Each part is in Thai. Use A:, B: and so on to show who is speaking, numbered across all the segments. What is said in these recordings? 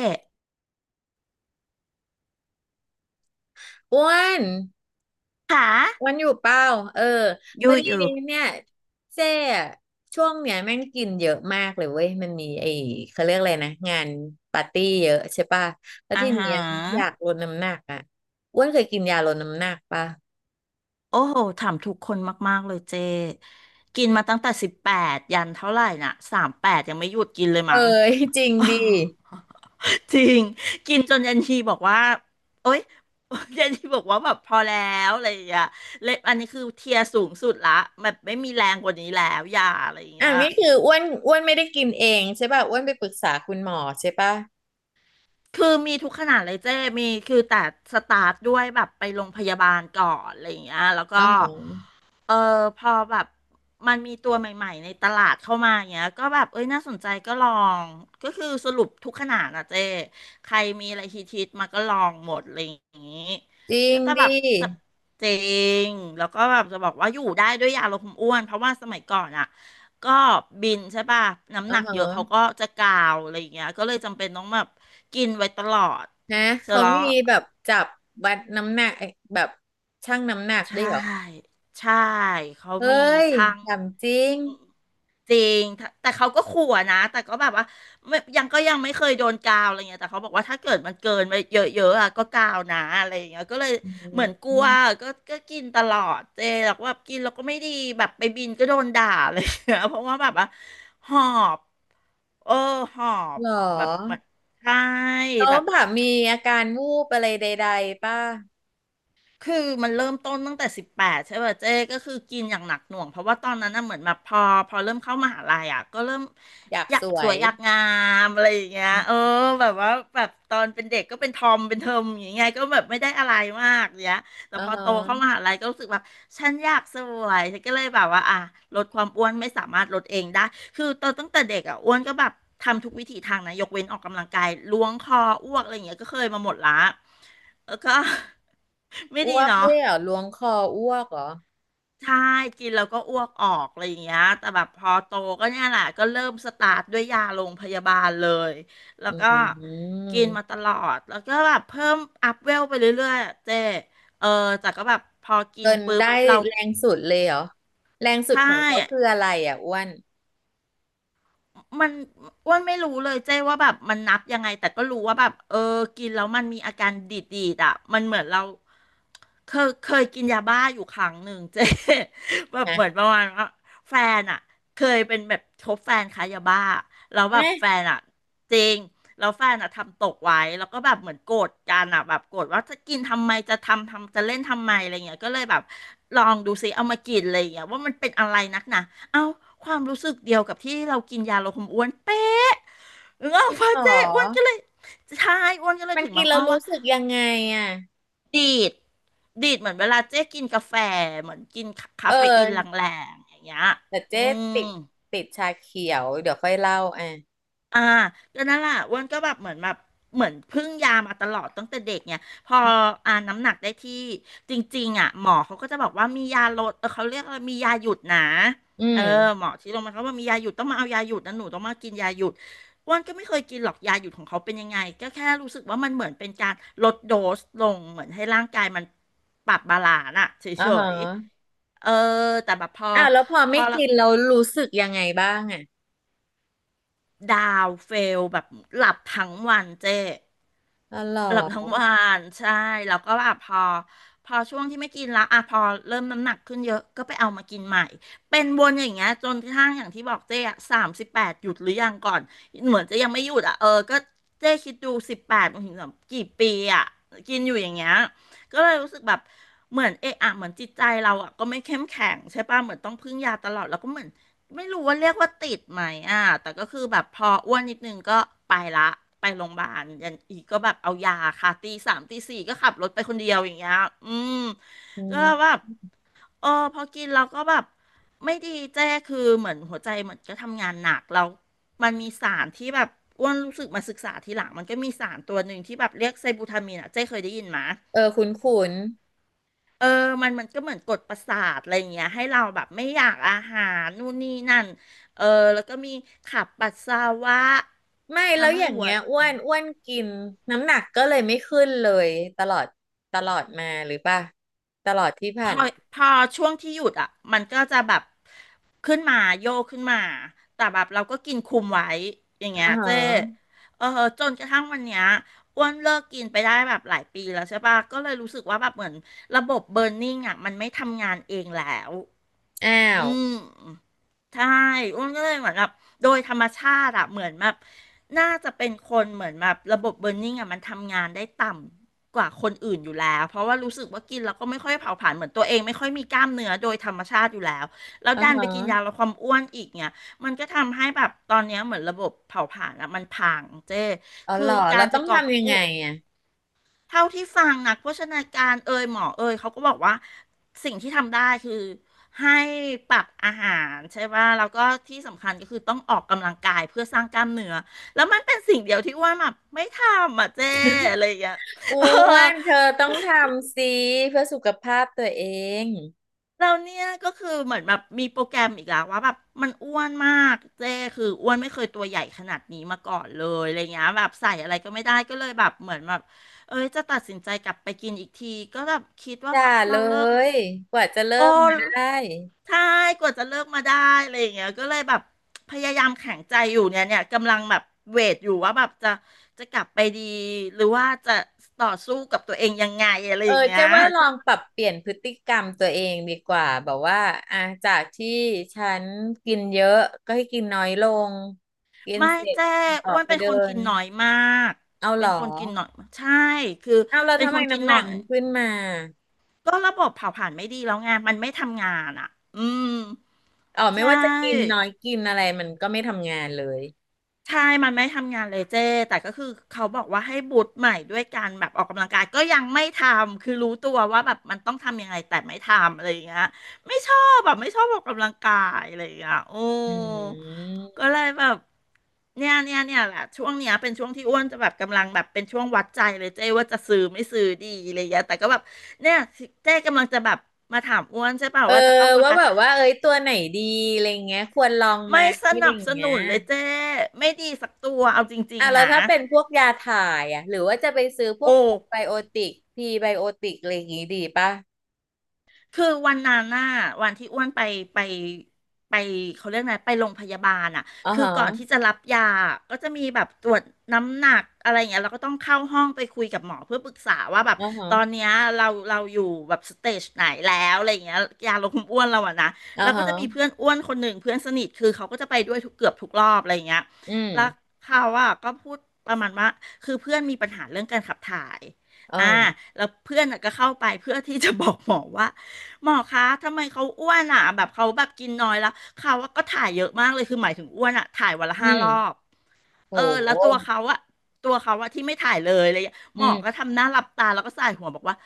A: เจ๊
B: อ้วน
A: ขาะ
B: อ้วนอยู่เปล่าเออ
A: อ
B: พอ
A: ยู่
B: ดี
A: อ
B: เน
A: ยู่
B: ี่ยเจ้อะช่วงเนี้ยแม่งกินเยอะมากเลยเว้ยมันมีไอ้เขาเรียกอะไรนะงานปาร์ตี้เยอะใช่ป่ะแล้ว
A: อา
B: ที
A: หา
B: เนี้ยอยากล
A: ร
B: ดน้ำหนักอ่ะอ้วนเคยกินยาลดน้ำหนักป่ะ
A: โอ้โหถามทุกคนมากๆเลยเจ๊กินมาตั้งแต่สิบแปดยันเท่าไหร่น่ะ38ยังไม่หยุดกินเลย
B: เอ้
A: มั้ง
B: ย จริงดี
A: จริงกินจนยันทีบอกว่าโอ๊ย ยันทีบอกว่าแบบพอแล้วอะไรอย่างเงี้ยเลยอันนี้คือเทียร์สูงสุดละแบบไม่มีแรงกว่านี้แล้วอย่าอะไรอย่าง
B: อ่ะ
A: เงี้ย
B: นี่คืออ้วนอ้วนไม่ได้กินเองใช่ป่ะอ้วนไปปรึกษาคุณหมอใช่ป่ะ
A: คือมีทุกขนาดเลยเจ้มีคือแต่สตาร์ทด้วยแบบไปโรงพยาบาลก่อนอะไรอย่างเงี้ยแล้ว
B: อ๋อ
A: ก็
B: หือ
A: เออพอแบบมันมีตัวใหม่ๆในตลาดเข้ามาอย่างเงี้ยก็แบบเอ้ยน่าสนใจก็ลองก็คือสรุปทุกขนาดอะเจ้ใครมีอะไรฮิตๆมาก็ลองหมดอะไรอย่างงี้
B: จริ
A: ก็
B: ง
A: จะแบ
B: ดิ
A: บจะเจงแล้วก็แบบจะบอกว่าอยู่ได้ด้วยยาลดความอ้วนเพราะว่าสมัยก่อนอะก็บินใช่ป่ะน้ำ
B: อ๋อ
A: หนักเยอะเขา
B: ฮะ
A: ก็จะกาวอะไรอย่างเงี้ยก็เลยจำเป็นต้องแบบกินไว้ตลอด
B: นะ
A: เสร็จ
B: เขา
A: แล้ว
B: มีแบบจับวัดน้ำหนักแบบชั่งน้ำหนัก
A: ใช่
B: ด้วยเหรอ
A: ใช่เขา
B: เฮ้
A: มี
B: ย
A: ช่าง
B: ถามจริง
A: จริงถ้าแต่เขาก็ขู่อะนะแต่ก็แบบว่าไม่ยังก็ยังไม่เคยโดนกาวอะไรเงี้ยแต่เขาบอกว่าถ้าเกิดมันเกินไปเยอะๆอะก็กาวนะอะไรอเงี้ยก็เลย
B: อ
A: เหมือนก
B: ื
A: ลัว
B: ม
A: ก็กินตลอดเจแล้วก็แบบกินแล้วก็ไม่ดีแบบไปบินก็โดนด่าอะไรเงี้ยเพราะว่าแบบว่าหอบเออหอบ
B: หร
A: แบบเหมื
B: อ
A: อนใช่
B: น้อ
A: แบ
B: ง
A: บ
B: ผามีอาการวูบอะไรใดๆป่ะ
A: คือมันเริ่มต้นตั้งแต่18ใช่ป่ะเจ๊ก็คือกินอย่างหนักหน่วงเพราะว่าตอนนั้นน่ะเหมือนแบบพอเริ่มเข้ามหาลัยอ่ะก็เริ่ม
B: อยาก
A: อยา
B: ส
A: ก
B: ว
A: สว
B: ย
A: ยอยากงามอะไรอย่างเงี้ย
B: อื
A: เออ
B: ม
A: แบบว่าแบบตอนเป็นเด็กก็เป็นทอมเป็นเทอมอย่างเงี้ยก็แบบไม่ได้อะไรมากเนี้ยแต่
B: อ๋อ
A: พอ
B: ฮ
A: โตเข้าม
B: ะ
A: หาลัยก็รู้สึกแบบฉันอยากสวยฉันก็เลยแบบว่าอ่ะลดความอ้วนไม่สามารถลดเองได้คือตอนตั้งแต่เด็กอ่ะอ้วนก็แบบทำทุกวิถีทางนะยกเว้นออกกำลังกายล้วงคออ้วกอะไรอย่างเงี้ยก็เคยมาหมดละแล้วก็ ไม่ดี
B: อ้วก
A: เนาะ
B: ด้วยเหรอล้วงคออ้วกเหรอ
A: ใช่กินแล้วก็อ้วกออกอะไรอย่างเงี้ยแต่แบบพอโตก็เนี่ยแหละก็เริ่มสตาร์ทด้วยยาโรงพยาบาลเลยแล้
B: อื
A: วก็กิน
B: ม
A: มาตลอดแล้วก็แบบเพิ่มอัพเวลไปเรื่อยๆอะเจ๊เออแต่ก็แบบพอกิ
B: จ
A: น
B: น
A: ปุ๊บ
B: ได้
A: เรา
B: แรงสุดเลยเหรอ แรงสุด
A: ใช่
B: ของเขาคืออะไรอ่ะอ้วน
A: มันอ้วนไม่รู้เลยเจ้ว่าแบบมันนับยังไงแต่ก็รู้ว่าแบบเออกินแล้วมันมีอาการดีดๆอ่ะมันเหมือนเราเคยกินยาบ้าอยู่ครั้งหนึ่งเจ๊ แบบเหมือน
B: ฮะ
A: ประมาณว่าแฟนอ่ะเคยเป็นแบบคบแฟนค้ายาบ้าแล้วแบบ
B: เอ๊ะ
A: แฟนอ่ะจริงแล้วแฟนอ่ะทำตกไว้แล้วก็แบบเหมือนโกรธกันอ่ะแบบโกรธว่าจะกินทำไมจะทำจะเล่นทำไมอะไรเงี้ยก็เลยแบบลองดูซิเอามากินอะไรเงี้ยว่ามันเป็นอะไรนักหนา เอาความรู้สึกเดียวกับที่เรากินยาลดความอ้วนเป๊ะเออ
B: จริง
A: พอ
B: เหร
A: เจ๊อ้วนก็
B: อ
A: เลยใช่อ้วนก็เลย
B: มัน
A: ถึงม
B: กิ
A: อ
B: น
A: ง
B: แล้
A: อ้
B: ว
A: อ
B: รู้
A: ว่า
B: สึกยังไงอ่ะ
A: ดีดดีดเหมือนเวลาเจ๊กินกาแฟเหมือนกินคา
B: เอ
A: เฟอีน
B: อ
A: แรงๆอย่างเงี้ย
B: แต่
A: อื
B: เจ๊ติ
A: ม
B: ดชาเขียว เดี๋ยวค่อยเล่าอ่ะ
A: อ่าก็นั่นแหละอ้วนก็แบบเหมือนแบบเหมือนพึ่งยามาตลอดตั้งแต่เด็กเนี่ยพออ่าน้ำหนักได้ที่จริงๆอ่ะหมอเขาก็จะบอกว่ามียาลดเออเขาเรียกว่ามียาหยุดนะ
B: อื
A: เออ
B: ม
A: หมอที่โรงพยาบาลเขาบอกมียาหยุดต้องมาเอายาหยุดนะหนูต้องมากินยาหยุดอ้วนก็ไม่เคยกินหรอกยาหยุดของเขาเป็นยังไงก็แค่รู้สึกว่ามันเหมือนเป็นการลดโดสลงเหมือนให้ร่างกายมันปรับบาลานซ์อะเฉ
B: อ๋อฮะ
A: ยๆเออแต่แบบพอ
B: อ้าวแล้วพอ
A: พอ
B: ไม่
A: แล้ว
B: กินเรารู้สึกยังไงบ้างอ่ะ
A: ดาวเฟลแบบหลับทั้งวันเจ๊
B: อ๋อเหรอ
A: หลับทั้งวันใช่แล้วก็แบบพอช่วงที่ไม่กินแล้วอ่ะพอเริ่มน้ำหนักขึ้นเยอะก็ไปเอามากินใหม่เป็นวนอย่างเงี้ยจนกระทั่งอย่างที่บอกเจ๊อะ38หยุดหรือยังก่อนเหมือนจะยังไม่หยุดอ่ะเออก็เจ๊คิดดูสิบแปดมันถึงแบบกี่ปีอ่ะกินอยู่อย่างเงี้ยก็เลยรู้สึกแบบเหมือนเอะอะเหมือนจิตใจเราอ่ะก็ไม่เข้มแข็งใช่ป่ะเหมือนต้องพึ่งยาตลอดแล้วก็เหมือน ไม่รู้ว่าเรียกว่าติดไหมอ่ะแต่ก็คือแบบพออ้วนนิดนึงก็ไปละ ไปโรงพยาบาลยันอีกก็แบบเอายาค่ะตีสามตีสี่ก็ขับรถไปคนเดียวอย่างเงี้ยอืม
B: อื
A: ก็
B: ม
A: แบบเออพอกินเราก็แบบไม่ดีเจ้คือเหมือนหัวใจเหมือนก็ทำงานหนักแล้วมันมีสารที่แบบอ้วนรู้สึกมาศึกษาทีหลังมันก็มีสารตัวหนึ่งที่แบบเรียกไซบูทามีนอ่ะเจ้เคยได้ยินไหม
B: เออคุ้นคุน
A: เออ มันมันก็เหมือนกดประสาทอะไรอย่างเงี้ยให้เราแบบไม่อยากอาหารนู่นนี่นั่นเออแล้วก็มีขับปัสสาวะ
B: ไม่แล้ว
A: ทำ
B: อ
A: ให้
B: ย่าง
A: หัว
B: เงี้ยอ้วนอ้วนกินน้ำหนักก็เลยไม่ขึ้นเลยตลอดตลอดมาหรือป่ะตลอดที่
A: พ
B: ผ่าน
A: อพอช่วงที่หยุดอ่ะมันก็จะแบบขึ้นมาโยกขึ้นมาแต่แบบเราก็กินคุมไว้อย่างเงี้
B: อ่า
A: ย
B: ฮ
A: เจ้
B: ะ
A: เออจนกระทั่งวันเนี้ยอ้วนเลิกกินไปได้แบบหลายปีแล้วใช่ปะก็เลยรู้สึกว่าแบบเหมือนระบบเบิร์นนิ่งอ่ะมันไม่ทำงานเองแล้ว
B: อ้า
A: อื
B: ว
A: ม ใช่อ้วนก็เลยเหมือนแบบโดยธรรมชาติอะเหมือนแบบน่าจะเป็นคนเหมือนแบบระบบเบิร์นนิ่งอะมันทำงานได้ต่ำกว่าคนอื่นอยู่แล้วเพราะว่ารู้สึกว่ากินแล้วก็ไม่ค่อยเผาผลาญเหมือนตัวเองไม่ค่อยมีกล้ามเนื้อโดยธรรมชาติอยู่แล้วแล้ว
B: อ่า
A: ดันไปกินยา
B: ฮะ
A: ลดความอ้วนอีกเนี่ยมันก็ทำให้แบบตอนเนี้ยเหมือนระบบเผาผลาญอะมันพังเจ้
B: อ๋อ
A: คื
B: เห
A: อ
B: รอ
A: กา
B: เรา
A: ร
B: ต้
A: จะ
B: อง
A: กอบ
B: ทำยัง
A: กู้
B: ไงอ่ะ
A: เท่าที่ฟังนักโภชนาการเอยหมอเอยเขาก็บอกว่าสิ่งที่ทำได้คือให้ปรับอาหารใช่ป่ะแล้วก็ที่สำคัญก็คือต้องออกกำลังกายเพื่อสร้างกล้ามเนื้อแล้วมันเป็นสิ่งเดียวที่อ้ว่าแบบไม่ทำอ่ะเจ้อะไรอย่างเงี้ย
B: อ้
A: เออ
B: วนเธอต้องทำสิเพื่อสุขภาพตัวเอง
A: เราเนี่ยก็คือเหมือนแบบมีโปรแกรมอีกแล้วว่าแบบมันอ้วนมากเจ้คืออ้วนไม่เคยตัวใหญ่ขนาดนี้มาก่อนเลยอะไรเงี้ยแบบใส่อะไรก็ไม่ได้ก็เลยแบบเหมือนแบบเอ้ยจะตัดสินใจกลับไปกินอีกทีก็แบบคิดว่า
B: จ้าเล
A: เราเลิก
B: ยกว่าจะเลิ
A: โอ้
B: กมาได้
A: ใช่กว่าจะเลิกมาได้อะไรอย่างเงี้ยก็เลยแบบพยายามแข็งใจอยู่เนี่ยกำลังแบบเวทอยู่ว่าแบบจะกลับไปดีหรือว่าจะต่อสู้กับตัวเองยังไงอะไร
B: เอ
A: อ
B: อ
A: ย่างเงี้
B: เจ๊
A: ย
B: ว่าลองปรับเปลี่ยนพฤติกรรมตัวเองดีกว่าแบบว่าอ่ะจากที่ฉันกินเยอะก็ให้กินน้อยลงกิน
A: ไม่
B: เสร็จ
A: แจ้
B: ออ
A: อ้ว
B: ก
A: น
B: ไป
A: เป็น
B: เดิ
A: คนกิ
B: น
A: นน้อยมาก
B: เอาเห
A: เป็
B: รอ
A: นคนกินน้อยมากใช่คือ
B: เอาเรา
A: เป็น
B: ทำ
A: ค
B: ไม
A: นกิน
B: น้ำหนั
A: น้อ
B: ก
A: ย
B: มันขึ้นมา
A: ก็ระบบเผาผลาญไม่ดีแล้วไงมันไม่ทำงานอ่ะอืม
B: อ๋อไม่
A: ใช่
B: ว่าจะกินน้อยกินอะไรมันก็ไม่ทำงานเลย
A: ใช่มันไม่ทำงานเลยเจ้แต่ก็คือเขาบอกว่าให้บูตใหม่ด้วยการแบบออกกำลังกายก็ยังไม่ทำคือรู้ตัวว่าแบบมันต้องทำยังไงแต่ไม่ทำอะไรอย่างเงี้ยไม่ชอบแบบไม่ชอบออกกำลังกายอะไรอย่างเงี้ยโอ้
B: อื
A: ก็
B: ม
A: เลยแบบเนี่ยแหละช่วงเนี้ยเป็นช่วงที่อ้วนจะแบบกำลังแบบเป็นช่วงวัดใจเลยเจ้ว่าจะซื้อไม่ซื้อดีอะไรอย่างเงี้ยแต่ก็แบบเนี่ยเจ้กำลังจะแบบมาถามอ้วนใช่ป่ะ
B: เออ
A: ว่าจะเข้าวง
B: ว่า
A: การ
B: แบบว่าเอ้ยตัวไหนดีอะไรเงี้ยควรลองไหม
A: ไม่ส
B: อะไร
A: นับส
B: เงี้ย
A: นุนเลยเจ้ไม่ดีสักตัวเอาจริ
B: อ่ะ
A: ง
B: แล้
A: ๆ
B: ว
A: นะ
B: ถ้าเป็นพวกยาถ่ายอ่ะหรือว่าจะไปซื้อพว
A: โอ้
B: กไบโอติกพีไบโอติกอะไรอย่างงี้ดีป่ะ
A: คือวันนั้นน่ะวันที่อ้วนไปไปไปเขาเรียกไงไปโรงพยาบาลอ่ะ
B: อ่อ
A: คือ
B: ฮะ
A: ก่อนที่จะรับยาก็จะมีแบบตรวจน้ำหนักอะไรอย่างเงี้ยเราก็ต้องเข้าห้องไปคุยกับหมอเพื่อปรึกษาว่าแบบ
B: อ่อฮะ
A: ตอนเนี้ยเราอยู่แบบสเตจไหนแล้วอะไรอย่างเงี้ยยาลดความอ้วนเราอะนะ
B: อ่า
A: แล้วก็
B: ฮะ
A: จะมีเพื่อนอ้วนคนหนึ่งเพื่อนสนิทคือเขาก็จะไปด้วยทุกเกือบทุกรอบอะไรอย่างเงี้ย
B: อื
A: แล้ว
B: ม
A: เขาอะก็พูดประมาณว่าคือเพื่อนมีปัญหาเรื่องการขับถ่าย
B: เอ
A: อ่า
B: อ
A: แล้วเพื่อนน่ะก็เข้าไปเพื่อที่จะบอกหมอว่า หมอคะ ทำไมเขาอ้วนอ่ะแบบเขาแบบกินน้อยแล้ว เขาก็ถ่ายเยอะมากเลย คือหมายถึงอ้วนอ่ะถ่ายวันละ
B: อื
A: ห้า
B: ม
A: รอบ
B: โ
A: เออแล้วตัว
B: ห
A: เขาอะตัวเขาอะที่ไม่ถ่ายเลยอะไรอย่างเงี้ย
B: อื
A: หมอก็
B: ม
A: ทำหน้าหลับตาแล้วก็ส่ายหัวบอกว่า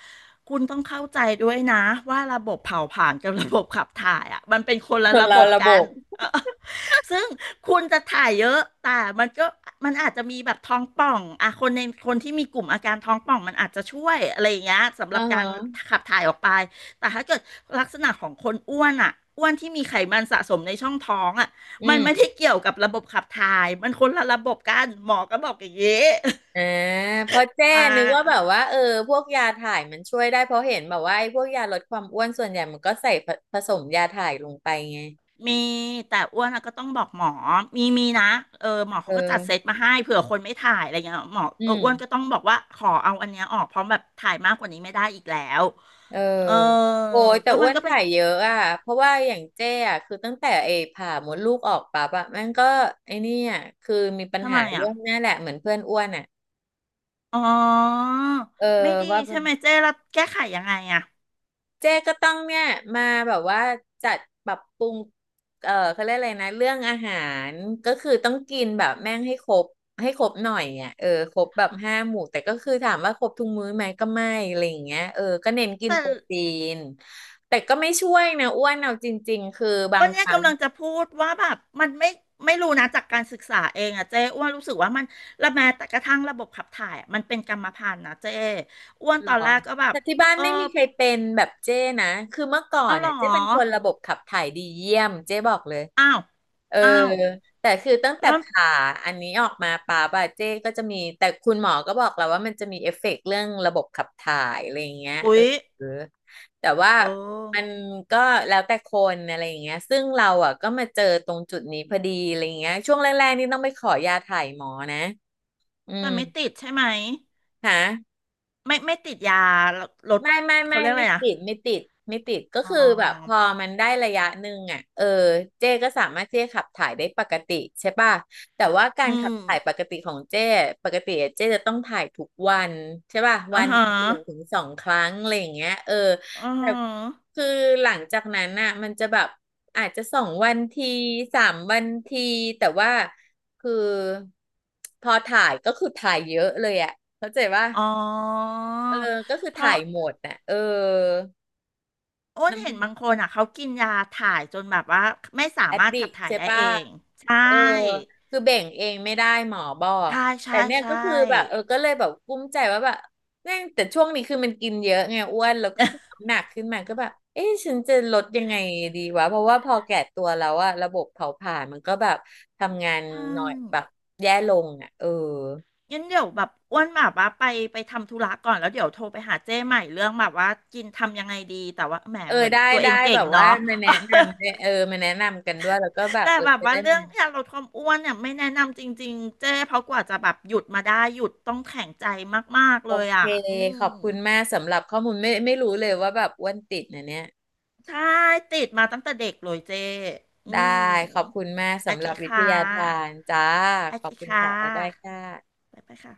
A: คุณต้องเข้าใจด้วยนะว่าระบบเผาผลาญกับระบบขับถ่ายอะมันเป็นคน
B: ค
A: ละ
B: น
A: ระบ
B: เรา
A: บ
B: ระบ
A: กัน
B: บ
A: เออซึ่งคุณจะถ่ายเยอะแต่มันก็มันอาจจะมีแบบท้องป่องอะคนในคนที่มีกลุ่มอาการท้องป่องมันอาจจะช่วยอะไรอย่างเงี้ยสำห
B: อ่อ
A: รับการ
B: ฮะ
A: ขับถ่ายออกไปแต่ถ้าเกิดลักษณะของคนอ้วนอะอ้วนที่มีไขมันสะสมในช่องท้องอะ
B: อื
A: มัน
B: ม
A: ไม่ได้เกี่ยวกับระบบขับถ่าย มันคนละระบบกันหมอก็บอกอย่างนี้
B: อ่าเพราะ เจ้
A: อ่า
B: นึกว่าแบบว่าเออพวกยาถ่ายมันช่วยได้เพราะเห็นแบบว่าไอ้พวกยาลดความอ้วนส่วนใหญ่มันก็ใส่ผผสมยาถ่ายลงไปไง
A: มีแต่อ้วนอะก็ต้องบอกหมอมีนะเออหมอ
B: เอ
A: เขา
B: อ
A: ก็จัดเซตมาให้เผื่อคนไม่ถ่ายอะไรเงี้ยหมอ
B: อื
A: เออ
B: ม
A: อ้วนก็ต้องบอกว่าขอเอาอันเนี้ยออกเพราะแบบถ่ายมากกว่านี้ไม่ได้อีกแล้ว
B: เออ
A: เออ
B: โอ้ยแต่
A: ก็
B: อ้
A: มั
B: ว
A: น
B: น
A: ก็เป็น
B: ถ่ายเยอะอ่ะเพราะว่าอย่างเจ้อ่ะคือตั้งแต่เอผ่ามดลูกออกปั๊บอ่ะแม่งก็ไอ้เนี่อะคือมีปัญ
A: ทำ
B: หา
A: ไม
B: เรื่
A: อ่ะ
B: องเนี้ยแหละเหมือนเพื่อนอ้วนอ่ะ
A: อ๋อ
B: เออ
A: ไม่ดี
B: ว่า
A: ใช่ไหมเจ๊แล้วแก้ไขยังไงอ่ะ
B: เจ๊ก็ต้องเนี่ยมาแบบว่าจัดปรับปรุง เออเขาเรียกอะไรนะเรื่องอาหารก็คือต้องกินแบบแม่งให้ครบหน่อยอ่ะเออครบแบบห้าหมู่แต่ก็คือถามว่าครบทุกมื้อไหมก็ไม่อะไรอย่างเงี้ยเออก็เน้นกิน
A: แต่
B: โปรตีนแต่ก็ไม่ช่วยนะอ้วนเอาจริงๆคือบา
A: ก็
B: งค
A: เนี่ย
B: รั้ง
A: กำลังจะพูดว่าแบบมันไม่รู้นะจากการศึกษาเองอะเจ้อ้วนรู้สึกว่ามันละแม้แต่กระทั่งระบบขับถ่ายอะมันเป็นกรรมพันธุ์นะเจ้อ้วนต
B: เหร
A: อน
B: อ
A: แรกก็แบบ
B: แต่ที่บ้าน
A: เออ
B: ไม่มีใครเป็นแบบเจ้นะคือเมื่อก่อ
A: เอา
B: น
A: หร
B: น่ะ
A: อ
B: เจ้เป็นคนระบบขับถ่ายดีเยี่ยมเจ้บอกเลย
A: อ้าว
B: เออ
A: อ้าว
B: แต่คือตั้งแต่
A: แล้ว
B: ผ่าอันนี้ออกมาป่าบาเจ้ก็จะมีแต่คุณหมอก็บอกแล้วว่ามันจะมีเอฟเฟกต์เรื่องระบบขับถ่ายอะไรอย่างเงี้ยเอ
A: อุ๊
B: อ
A: ย
B: แต่ว่า
A: เอ
B: มัน
A: อ
B: ก็แล้วแต่คนอะไรอย่างเงี้ยซึ่งเราอ่ะก็มาเจอตรงจุดนี้พอดีอะไรอย่างเงี้ยช่วงแรกๆนี่ต้องไปขอยาถ่ายหมอนะอื
A: แต่
B: ม
A: ไม่ติดใช่ไหม
B: ค่ะ
A: ไม่ติดยาลดเขาเรียกอะ
B: ไม่
A: ไรอะ
B: ติดไม่ติดก็
A: อ๋อ
B: คือแบบพอมันได้ระยะหนึ่งอ่ะเออเจ้ก็สามารถเจ้ขับถ่ายได้ปกติใช่ป่ะแต่ว่ากา
A: อื
B: รขับ
A: ม
B: ถ่ายปกติของเจ้ปกติอะเจ้จะต้องถ่ายทุกวันใช่ป่ะวั
A: อ่า
B: น
A: ฮะ
B: หนึ่งถึงสองครั้งอะไรอย่างเงี้ยเออ
A: อ่
B: แต่
A: า
B: คือหลังจากนั้นน่ะมันจะแบบอาจจะสองวันทีสามวันทีแต่ว่าคือพอถ่ายก็คือถ่ายเยอะเลยอ่ะเข้าใจป่ะ
A: อ๋อ
B: เออก็คือ
A: เพ
B: ถ่า
A: ราะ
B: ยหมดน่ะเออ
A: อ้นเห็นบางคนอ่ะเขากินยาถ่ายจนแบบว่าไม่สา
B: แอด
A: มารถ
B: ดิ
A: ขั
B: ก
A: บถ่าย
B: ใช่
A: ได้
B: ปะ
A: เองใช่
B: เออคือเบ่งเองไม่ได้หมอบอก
A: ใช่
B: แต่
A: ใช่
B: เนี่ย
A: ใช่
B: ก็คือแบบเออก็เลยแบบกุ้มใจว่าแบบแม่งแต่ช่วงนี้คือมันกินเยอะไงอ้วนแล้วก็คือ น้ำหนักขึ้นมาก็แบบเอ๊ะฉันจะลดยังไงดีวะเพราะว่าพอแก่ตัวแล้วอะระบบเผาผลาญมันก็แบบทำงาน
A: ใช
B: หน่อยแบ
A: ่
B: บแย่ลงอะเออ
A: งั้นเดี๋ยวแบบอ้วนแบบว่าไปไปทำธุระก่อนแล้วเดี๋ยวโทรไปหาเจ้ใหม่เรื่องแบบว่ากินทำยังไงดีแต่ว่าแหม
B: เออ
A: เหมือน
B: ได้
A: ตัวเอ
B: ได้
A: งเก่
B: แบ
A: ง
B: บว่า
A: เนาะ
B: มาแนะนำเออมาแนะนำกันด้วยแล้วก็แบ บ
A: แต่
B: เออ
A: แบบ
B: จะ
A: ว่า
B: ได้
A: เรื่อ
B: มา
A: งการลดความอ้วนเนี่ยไม่แนะนำจริงๆเจ้เพราะกว่าจะแบบหยุดมาได้หยุดต้องแข็งใจมากๆ
B: โอ
A: เลย
B: เค
A: อ่ะอื
B: ข
A: ม
B: อบคุณมากสำหรับข้อมูลไม่ไม่รู้เลยว่าแบบอ้วนติดนะเนี่ย
A: ใช่ติดมาตั้งแต่เด็กเลยเจอื
B: ได้
A: ม
B: ขอบคุณมาก
A: โอ
B: สำห
A: เค
B: รับวิท
A: ค่
B: ยาทาน
A: ะ
B: จ้า
A: โอ
B: ขอ
A: เค
B: บคุณ
A: ค่ะ
B: ค่ะบ๊ายบายค่ะ
A: ไปไปค่ะ